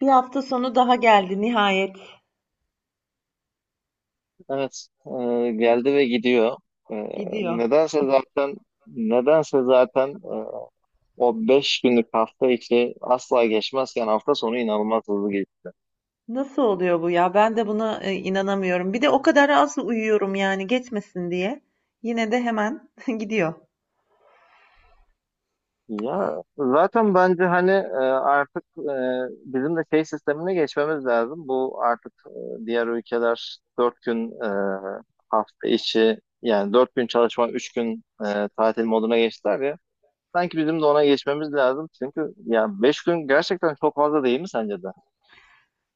Bir hafta sonu daha geldi nihayet. Evet, geldi ve gidiyor. E, Gidiyor. nedense zaten nedense zaten o 5 günlük hafta içi asla geçmezken hafta sonu inanılmaz hızlı geçti. Nasıl oluyor bu ya? Ben de buna inanamıyorum. Bir de o kadar az uyuyorum yani geçmesin diye. Yine de hemen gidiyor. Ya zaten bence hani artık bizim de şey sistemine geçmemiz lazım. Bu artık, diğer ülkeler 4 gün hafta içi, yani 4 gün çalışma, 3 gün tatil moduna geçtiler ya. Sanki bizim de ona geçmemiz lazım. Çünkü ya 5 gün gerçekten çok fazla değil mi sence de?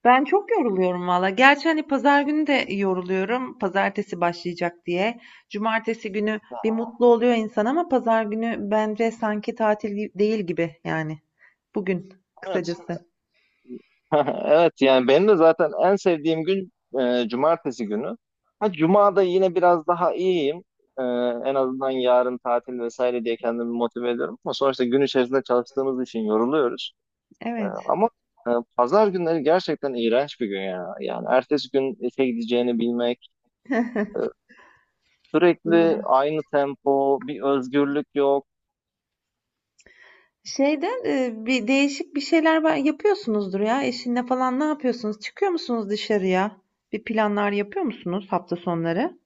Ben çok yoruluyorum valla. Gerçi hani pazar günü de yoruluyorum. Pazartesi başlayacak diye. Cumartesi günü bir mutlu oluyor insan ama pazar günü bence sanki tatil değil gibi yani. Bugün Evet. kısacası. Evet, yani benim de zaten en sevdiğim gün cumartesi günü. Ha, cumada yine biraz daha iyiyim. E, en azından yarın tatil vesaire diye kendimi motive ediyorum. Ama sonuçta gün içerisinde çalıştığımız için yoruluyoruz. Evet, Ama pazar günleri gerçekten iğrenç bir gün ya. Yani ertesi gün işe gideceğini bilmek, sürekli doğru. aynı tempo, bir özgürlük yok. Şeyden, bir değişik bir şeyler be yapıyorsunuzdur ya eşinle falan. Ne yapıyorsunuz? Çıkıyor musunuz dışarıya? Bir planlar yapıyor musunuz hafta sonları?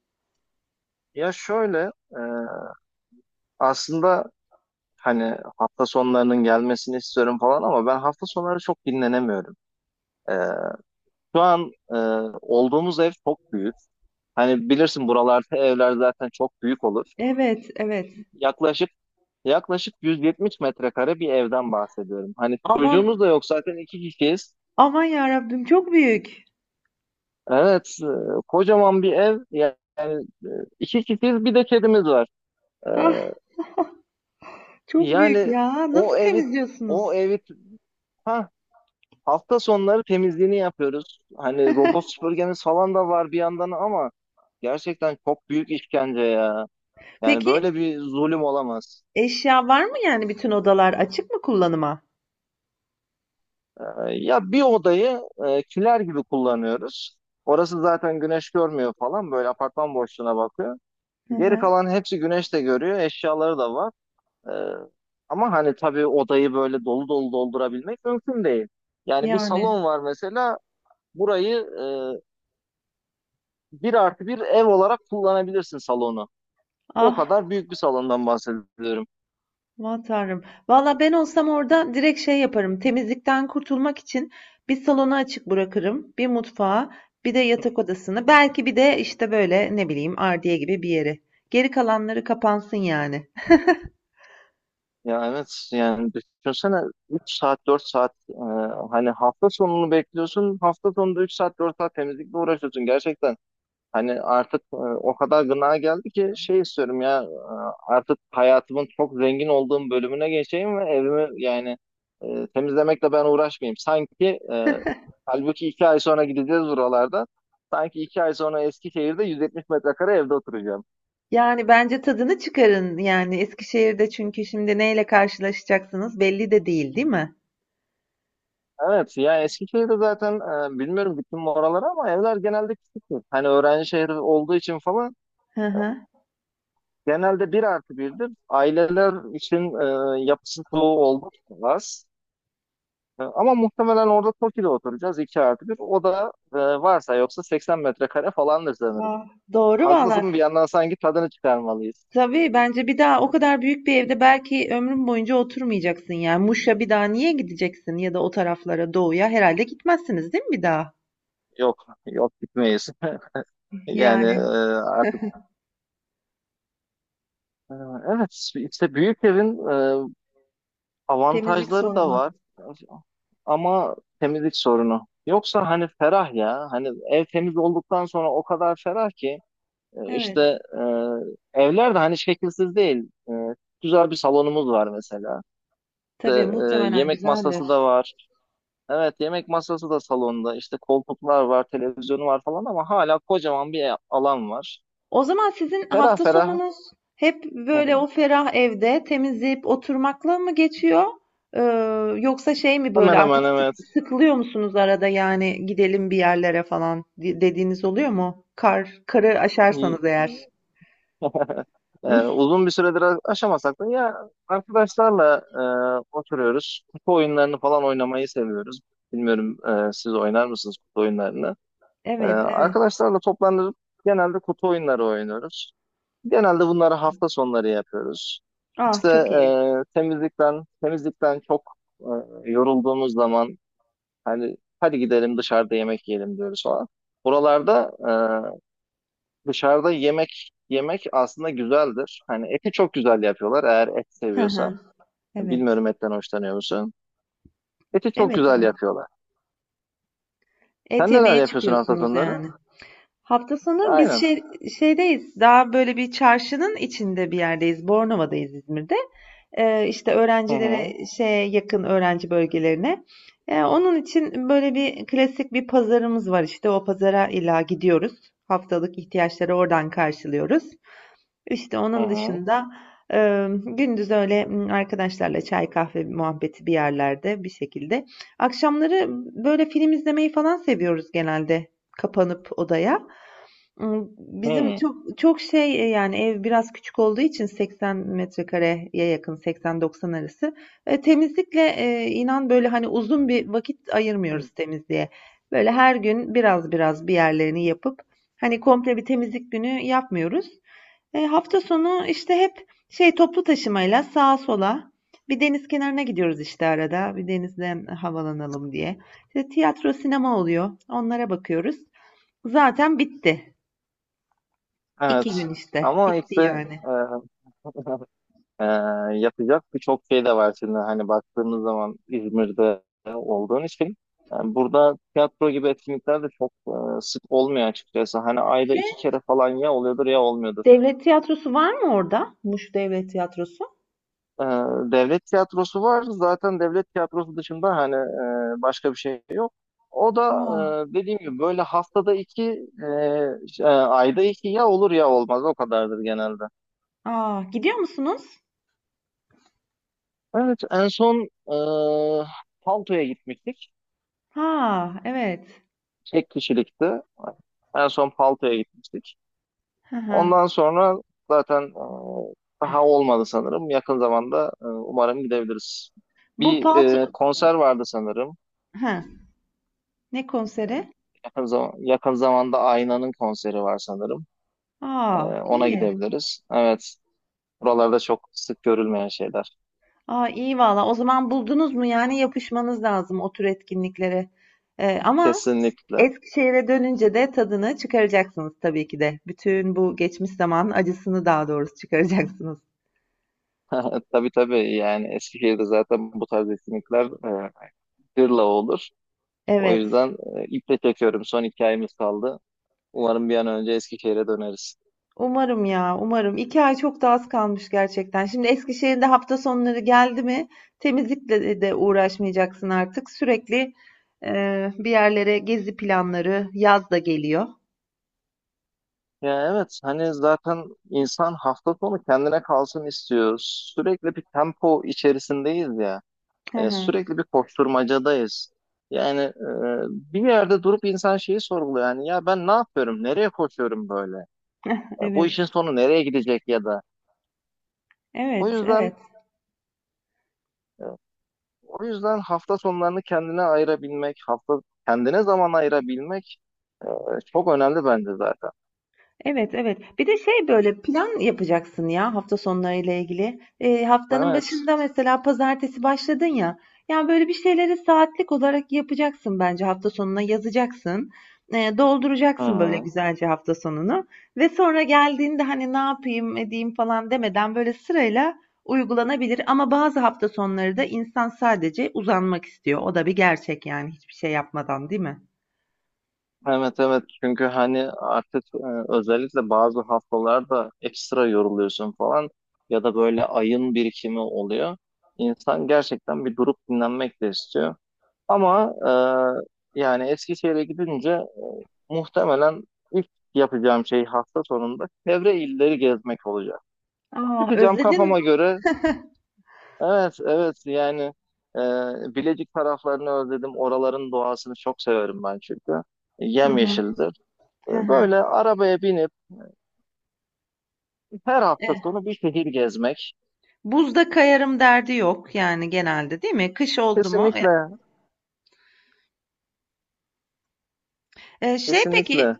Ya şöyle, aslında hani hafta sonlarının gelmesini istiyorum falan ama ben hafta sonları çok dinlenemiyorum. Ee, Şu an olduğumuz ev çok büyük. Hani bilirsin, buralarda evler zaten çok büyük olur. Evet, evet. Yaklaşık Yaklaşık 170 metrekare bir evden bahsediyorum. Hani Aman, çocuğumuz da yok zaten, 2 kişiyiz. aman yarabbim çok büyük. Evet, kocaman bir ev. Yani, e, 2 kişiyiz, bir de kedimiz var. Ee, Ah, çok büyük yani, ya. Nasıl o evi o temizliyorsunuz? evi, ha Hafta sonları temizliğini yapıyoruz. Hani robot süpürgemiz falan da var bir yandan ama gerçekten çok büyük işkence ya. Yani Peki böyle bir zulüm olamaz. eşya var mı yani bütün odalar açık mı kullanıma? Ya, bir odayı kiler gibi kullanıyoruz. Orası zaten güneş görmüyor falan. Böyle apartman boşluğuna bakıyor. Hı Geri hı. kalan hepsi güneş de görüyor. Eşyaları da var. Ee, ama hani tabii, odayı böyle dolu dolu doldurabilmek mümkün değil. Yani, bir Yani. salon var mesela. Burayı bir artı bir ev olarak kullanabilirsin, salonu. O Ah. kadar büyük bir salondan bahsediyorum. Aman tanrım. Valla ben olsam orada direkt şey yaparım. Temizlikten kurtulmak için bir salonu açık bırakırım. Bir mutfağı, bir de yatak odasını. Belki bir de işte böyle ne bileyim ardiye gibi bir yeri. Geri kalanları kapansın yani. Ya evet, yani düşünsene, 3-4 saat, hani hafta sonunu bekliyorsun. Hafta sonunda 3-4 saat temizlikle uğraşıyorsun gerçekten. Hani artık, o kadar gına geldi ki şey istiyorum ya, artık hayatımın çok zengin olduğum bölümüne geçeyim ve evimi, yani temizlemekle ben uğraşmayayım. Sanki, e, halbuki 2 ay sonra gideceğiz buralarda. Sanki 2 ay sonra Eskişehir'de 170 metrekare evde oturacağım. Yani bence tadını çıkarın yani Eskişehir'de çünkü şimdi neyle karşılaşacaksınız belli de değil, değil mi? Evet ya, Eskişehir'de zaten bilmiyorum gittim mi oralara, ama evler genelde küçüktür. Hani öğrenci şehri olduğu için falan, Hı hı. genelde bir artı birdir. Aileler için yapısı çoğu oldukça az. Ama muhtemelen orada TOKİ'de oturacağız, iki artı bir. O da varsa yoksa 80 metrekare falandır sanırım. Aa, doğru valla. Haklısın, bir yandan sanki tadını çıkarmalıyız. Tabii bence bir daha o kadar büyük bir evde belki ömrün boyunca oturmayacaksın yani. Muş'a bir daha niye gideceksin ya da o taraflara doğuya herhalde gitmezsiniz değil mi bir daha? Yok yok, gitmeyiz. Yani Yani artık, e, evet, işte büyük evin temizlik avantajları da sorunu. var, ama temizlik sorunu. Yoksa hani ferah ya, hani ev temiz olduktan sonra o kadar ferah ki, Evet. işte, evler de hani şekilsiz değil. E, güzel bir salonumuz var mesela. Tabii İşte, muhtemelen yemek güzeldir. masası da var. Evet, yemek masası da salonda. İşte koltuklar var, televizyonu var falan ama hala kocaman bir alan var. O zaman sizin Ferah hafta ferah. sonunuz hep Hı böyle o hı. ferah evde temizleyip oturmakla mı geçiyor? Ee, yoksa şey mi böyle Hemen artık hemen, evet. Sıkılıyor musunuz arada yani gidelim bir yerlere falan dediğiniz oluyor mu? Karı aşarsanız eğer. Uzun bir süredir aşamasak da ya, arkadaşlarla oturuyoruz. Kutu oyunlarını falan oynamayı seviyoruz. Bilmiyorum, siz oynar mısınız kutu oyunlarını? Ee, Evet, evet. arkadaşlarla toplanıp genelde kutu oyunları oynuyoruz. Genelde bunları hafta sonları yapıyoruz. Ah İşte çok iyi. Temizlikten çok e, yorulduğumuz zaman, hani hadi gidelim dışarıda yemek yiyelim diyoruz falan. Buralarda, e, Dışarıda yemek yemek aslında güzeldir. Hani eti çok güzel yapıyorlar, eğer et Hı hı. seviyorsan. Evet. Bilmiyorum, etten hoşlanıyor musun? Eti çok Evet, güzel evet. yapıyorlar. Et Sen neler yemeye yapıyorsun hafta çıkıyorsunuz sonları? yani. Hafta sonu biz Aynen. Şeydeyiz. Daha böyle bir çarşının içinde bir yerdeyiz. Bornova'dayız İzmir'de. İşte Hı hı. öğrencilere şeye yakın öğrenci bölgelerine. Onun için böyle bir klasik bir pazarımız var işte. O pazara illa gidiyoruz. Haftalık ihtiyaçları oradan karşılıyoruz. İşte Hı onun hı. dışında gündüz öyle arkadaşlarla çay kahve muhabbeti bir yerlerde bir şekilde. Akşamları böyle film izlemeyi falan seviyoruz genelde kapanıp odaya. Bizim Hı. çok çok şey, yani, ev biraz küçük olduğu için 80 metrekareye yakın, 80-90 arası. Temizlikle, inan, böyle, hani, uzun bir vakit ayırmıyoruz temizliğe. Böyle her gün biraz biraz bir yerlerini yapıp, hani, komple bir temizlik günü yapmıyoruz. Hafta sonu, işte, hep şey, toplu taşımayla sağa sola, bir deniz kenarına gidiyoruz, işte, arada, bir denizden havalanalım diye. İşte, tiyatro, sinema oluyor, onlara bakıyoruz. Zaten bitti. İki Evet. gün işte. Ama Bitti işte, yani. e, e, yapacak birçok şey de var şimdi. Hani baktığımız zaman İzmir'de olduğun için, burada tiyatro gibi etkinlikler de çok sık olmuyor açıkçası. Hani ayda Şey, 2 kere falan, ya oluyordur ya olmuyordur. devlet tiyatrosu var mı orada? Muş Devlet Tiyatrosu. Ee, devlet tiyatrosu var. Zaten devlet tiyatrosu dışında hani, başka bir şey yok. O da, Aa, dediğim gibi, böyle haftada iki, ayda iki, ya olur ya olmaz. O kadardır genelde. Aa, gidiyor musunuz? Evet, en son, Palto'ya gitmiştik. Ha, evet. Tek kişilikti. En son Palto'ya gitmiştik. Hı hı. Ondan sonra zaten daha olmadı sanırım. Yakın zamanda, umarım gidebiliriz. Bu Bir Palt... konser vardı sanırım. Ha, ne konseri? Yakın zamanda Aynan'ın konseri var sanırım. Ee, Aa, ona iyi. gidebiliriz. Evet. Buralarda çok sık görülmeyen şeyler. Aa, iyi valla. O zaman buldunuz mu? Yani yapışmanız lazım o tür etkinliklere. Ama Kesinlikle. Eskişehir'e dönünce de tadını çıkaracaksınız tabii ki de. Bütün bu geçmiş zaman acısını daha doğrusu çıkaracaksınız. Tabii tabii, yani Eskişehir'de zaten bu tarz etkinlikler e, gırla olur. O Evet. yüzden, iple çekiyorum. Son 2 ayımız kaldı. Umarım bir an önce Eskişehir'e döneriz. Umarım ya, umarım. İki ay çok da az kalmış gerçekten. Şimdi Eskişehir'de hafta sonları geldi mi, temizlikle de uğraşmayacaksın artık. Sürekli bir yerlere gezi planları, yaz da geliyor. Ya evet, hani zaten insan hafta sonu kendine kalsın istiyor. Sürekli bir tempo içerisindeyiz ya. Hı E, hı. sürekli bir koşturmacadayız. Yani, bir yerde durup insan şeyi sorguluyor. Yani ya, ben ne yapıyorum? Nereye koşuyorum böyle? Ya bu işin Evet, sonu nereye gidecek ya da? O evet, yüzden evet. O yüzden, hafta sonlarını kendine ayırabilmek, hafta kendine zaman ayırabilmek, e, çok önemli bence zaten. Evet, evet. Bir de şey böyle plan yapacaksın ya hafta sonlarıyla ilgili. Haftanın Evet. başında mesela pazartesi başladın ya. Yani böyle bir şeyleri saatlik olarak yapacaksın bence hafta sonuna yazacaksın. Ee, Hı dolduracaksın böyle hı. güzelce hafta sonunu. Ve sonra geldiğinde hani ne yapayım edeyim falan demeden böyle sırayla uygulanabilir. Ama bazı hafta sonları da insan sadece uzanmak istiyor. O da bir gerçek yani hiçbir şey yapmadan değil mi? Evet, evet, çünkü hani artık, özellikle bazı haftalarda ekstra yoruluyorsun falan, ya da böyle ayın birikimi oluyor. İnsan gerçekten bir durup dinlenmek de istiyor. Ama yani Eskişehir'e gidince muhtemelen ilk yapacağım şey, hafta sonunda çevre illeri gezmek olacak. Aa, Çıkacağım özledin mi? kafama göre, evet, evet, yani, e, Bilecik taraflarını özledim. Oraların doğasını çok severim ben çünkü. Hı hı. Yemyeşildi. Hı E, hı. Böyle arabaya binip her hafta sonu bir şehir gezmek. Buzda kayarım derdi yok yani genelde değil mi? Kış oldu mu? E, Kesinlikle, e, şey kesinlikle. peki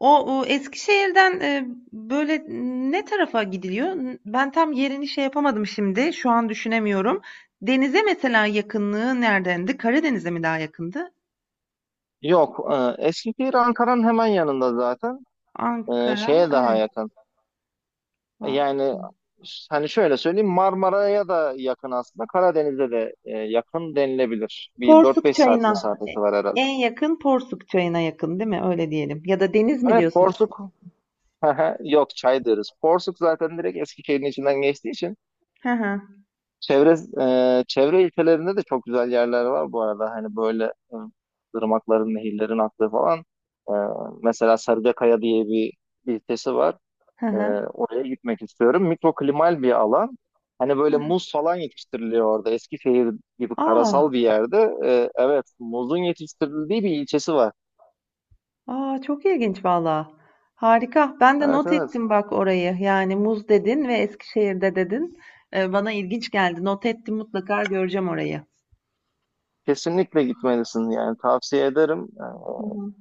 o Eskişehir'den böyle ne tarafa gidiliyor? Ben tam yerini şey yapamadım şimdi. Şu an düşünemiyorum. Denize mesela yakınlığı neredendi? Karadeniz'e mi daha yakındı? Yok, Eskişehir Ankara'nın hemen yanında zaten. E, Ankara, şeye daha evet. yakın. Va- Yani, hani şöyle söyleyeyim, Marmara'ya da yakın aslında. Karadeniz'e de yakın denilebilir. Bir dört Porsuk beş saat Çayı'na. Mesafesi var herhalde. En yakın Porsuk Çayı'na yakın değil mi? Öyle diyelim. Ya da deniz mi Evet, diyorsunuz? Porsuk. Yok, çay deriz. Porsuk zaten direkt Eskişehir'in içinden geçtiği için. Hı hı. Çevre Çevre ilçelerinde de çok güzel yerler var bu arada. Hani böyle, e, ırmakların, nehirlerin aktığı falan. E, mesela Sarıcakaya diye bir ilçesi var. Hı E, hı. oraya gitmek istiyorum. Mikroklimal bir alan. Hani böyle muz falan yetiştiriliyor orada. Eskişehir gibi Aa. karasal bir yerde. Evet, muzun yetiştirildiği bir ilçesi var. A! Çok ilginç valla. Harika. Ben de Evet, not evet. ettim bak orayı. Yani muz dedin ve Eskişehir'de dedin. Bana ilginç geldi. Not ettim mutlaka göreceğim orayı. Kesinlikle gitmelisin, yani tavsiye ederim. E, Hı hı.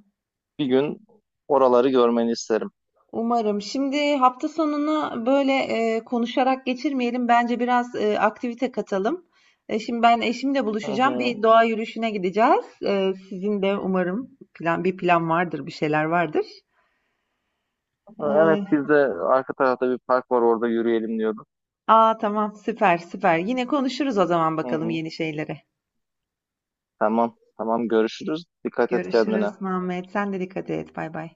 bir gün oraları görmeni isterim. Umarım. Şimdi hafta sonunu böyle konuşarak geçirmeyelim. Bence biraz aktivite katalım. Şimdi ben eşimle Hı buluşacağım. hı. Bir doğa yürüyüşüne gideceğiz. Sizin de umarım bir plan vardır, bir şeyler vardır. Evet, Eee, biz de arka tarafta bir park var, orada yürüyelim diyorduk. aa tamam süper süper. Yine konuşuruz o zaman Hı bakalım hı. yeni şeyleri. Tamam. Tamam, görüşürüz. Dikkat et kendine. Görüşürüz Muhammed. Sen de dikkat et. Bay bay.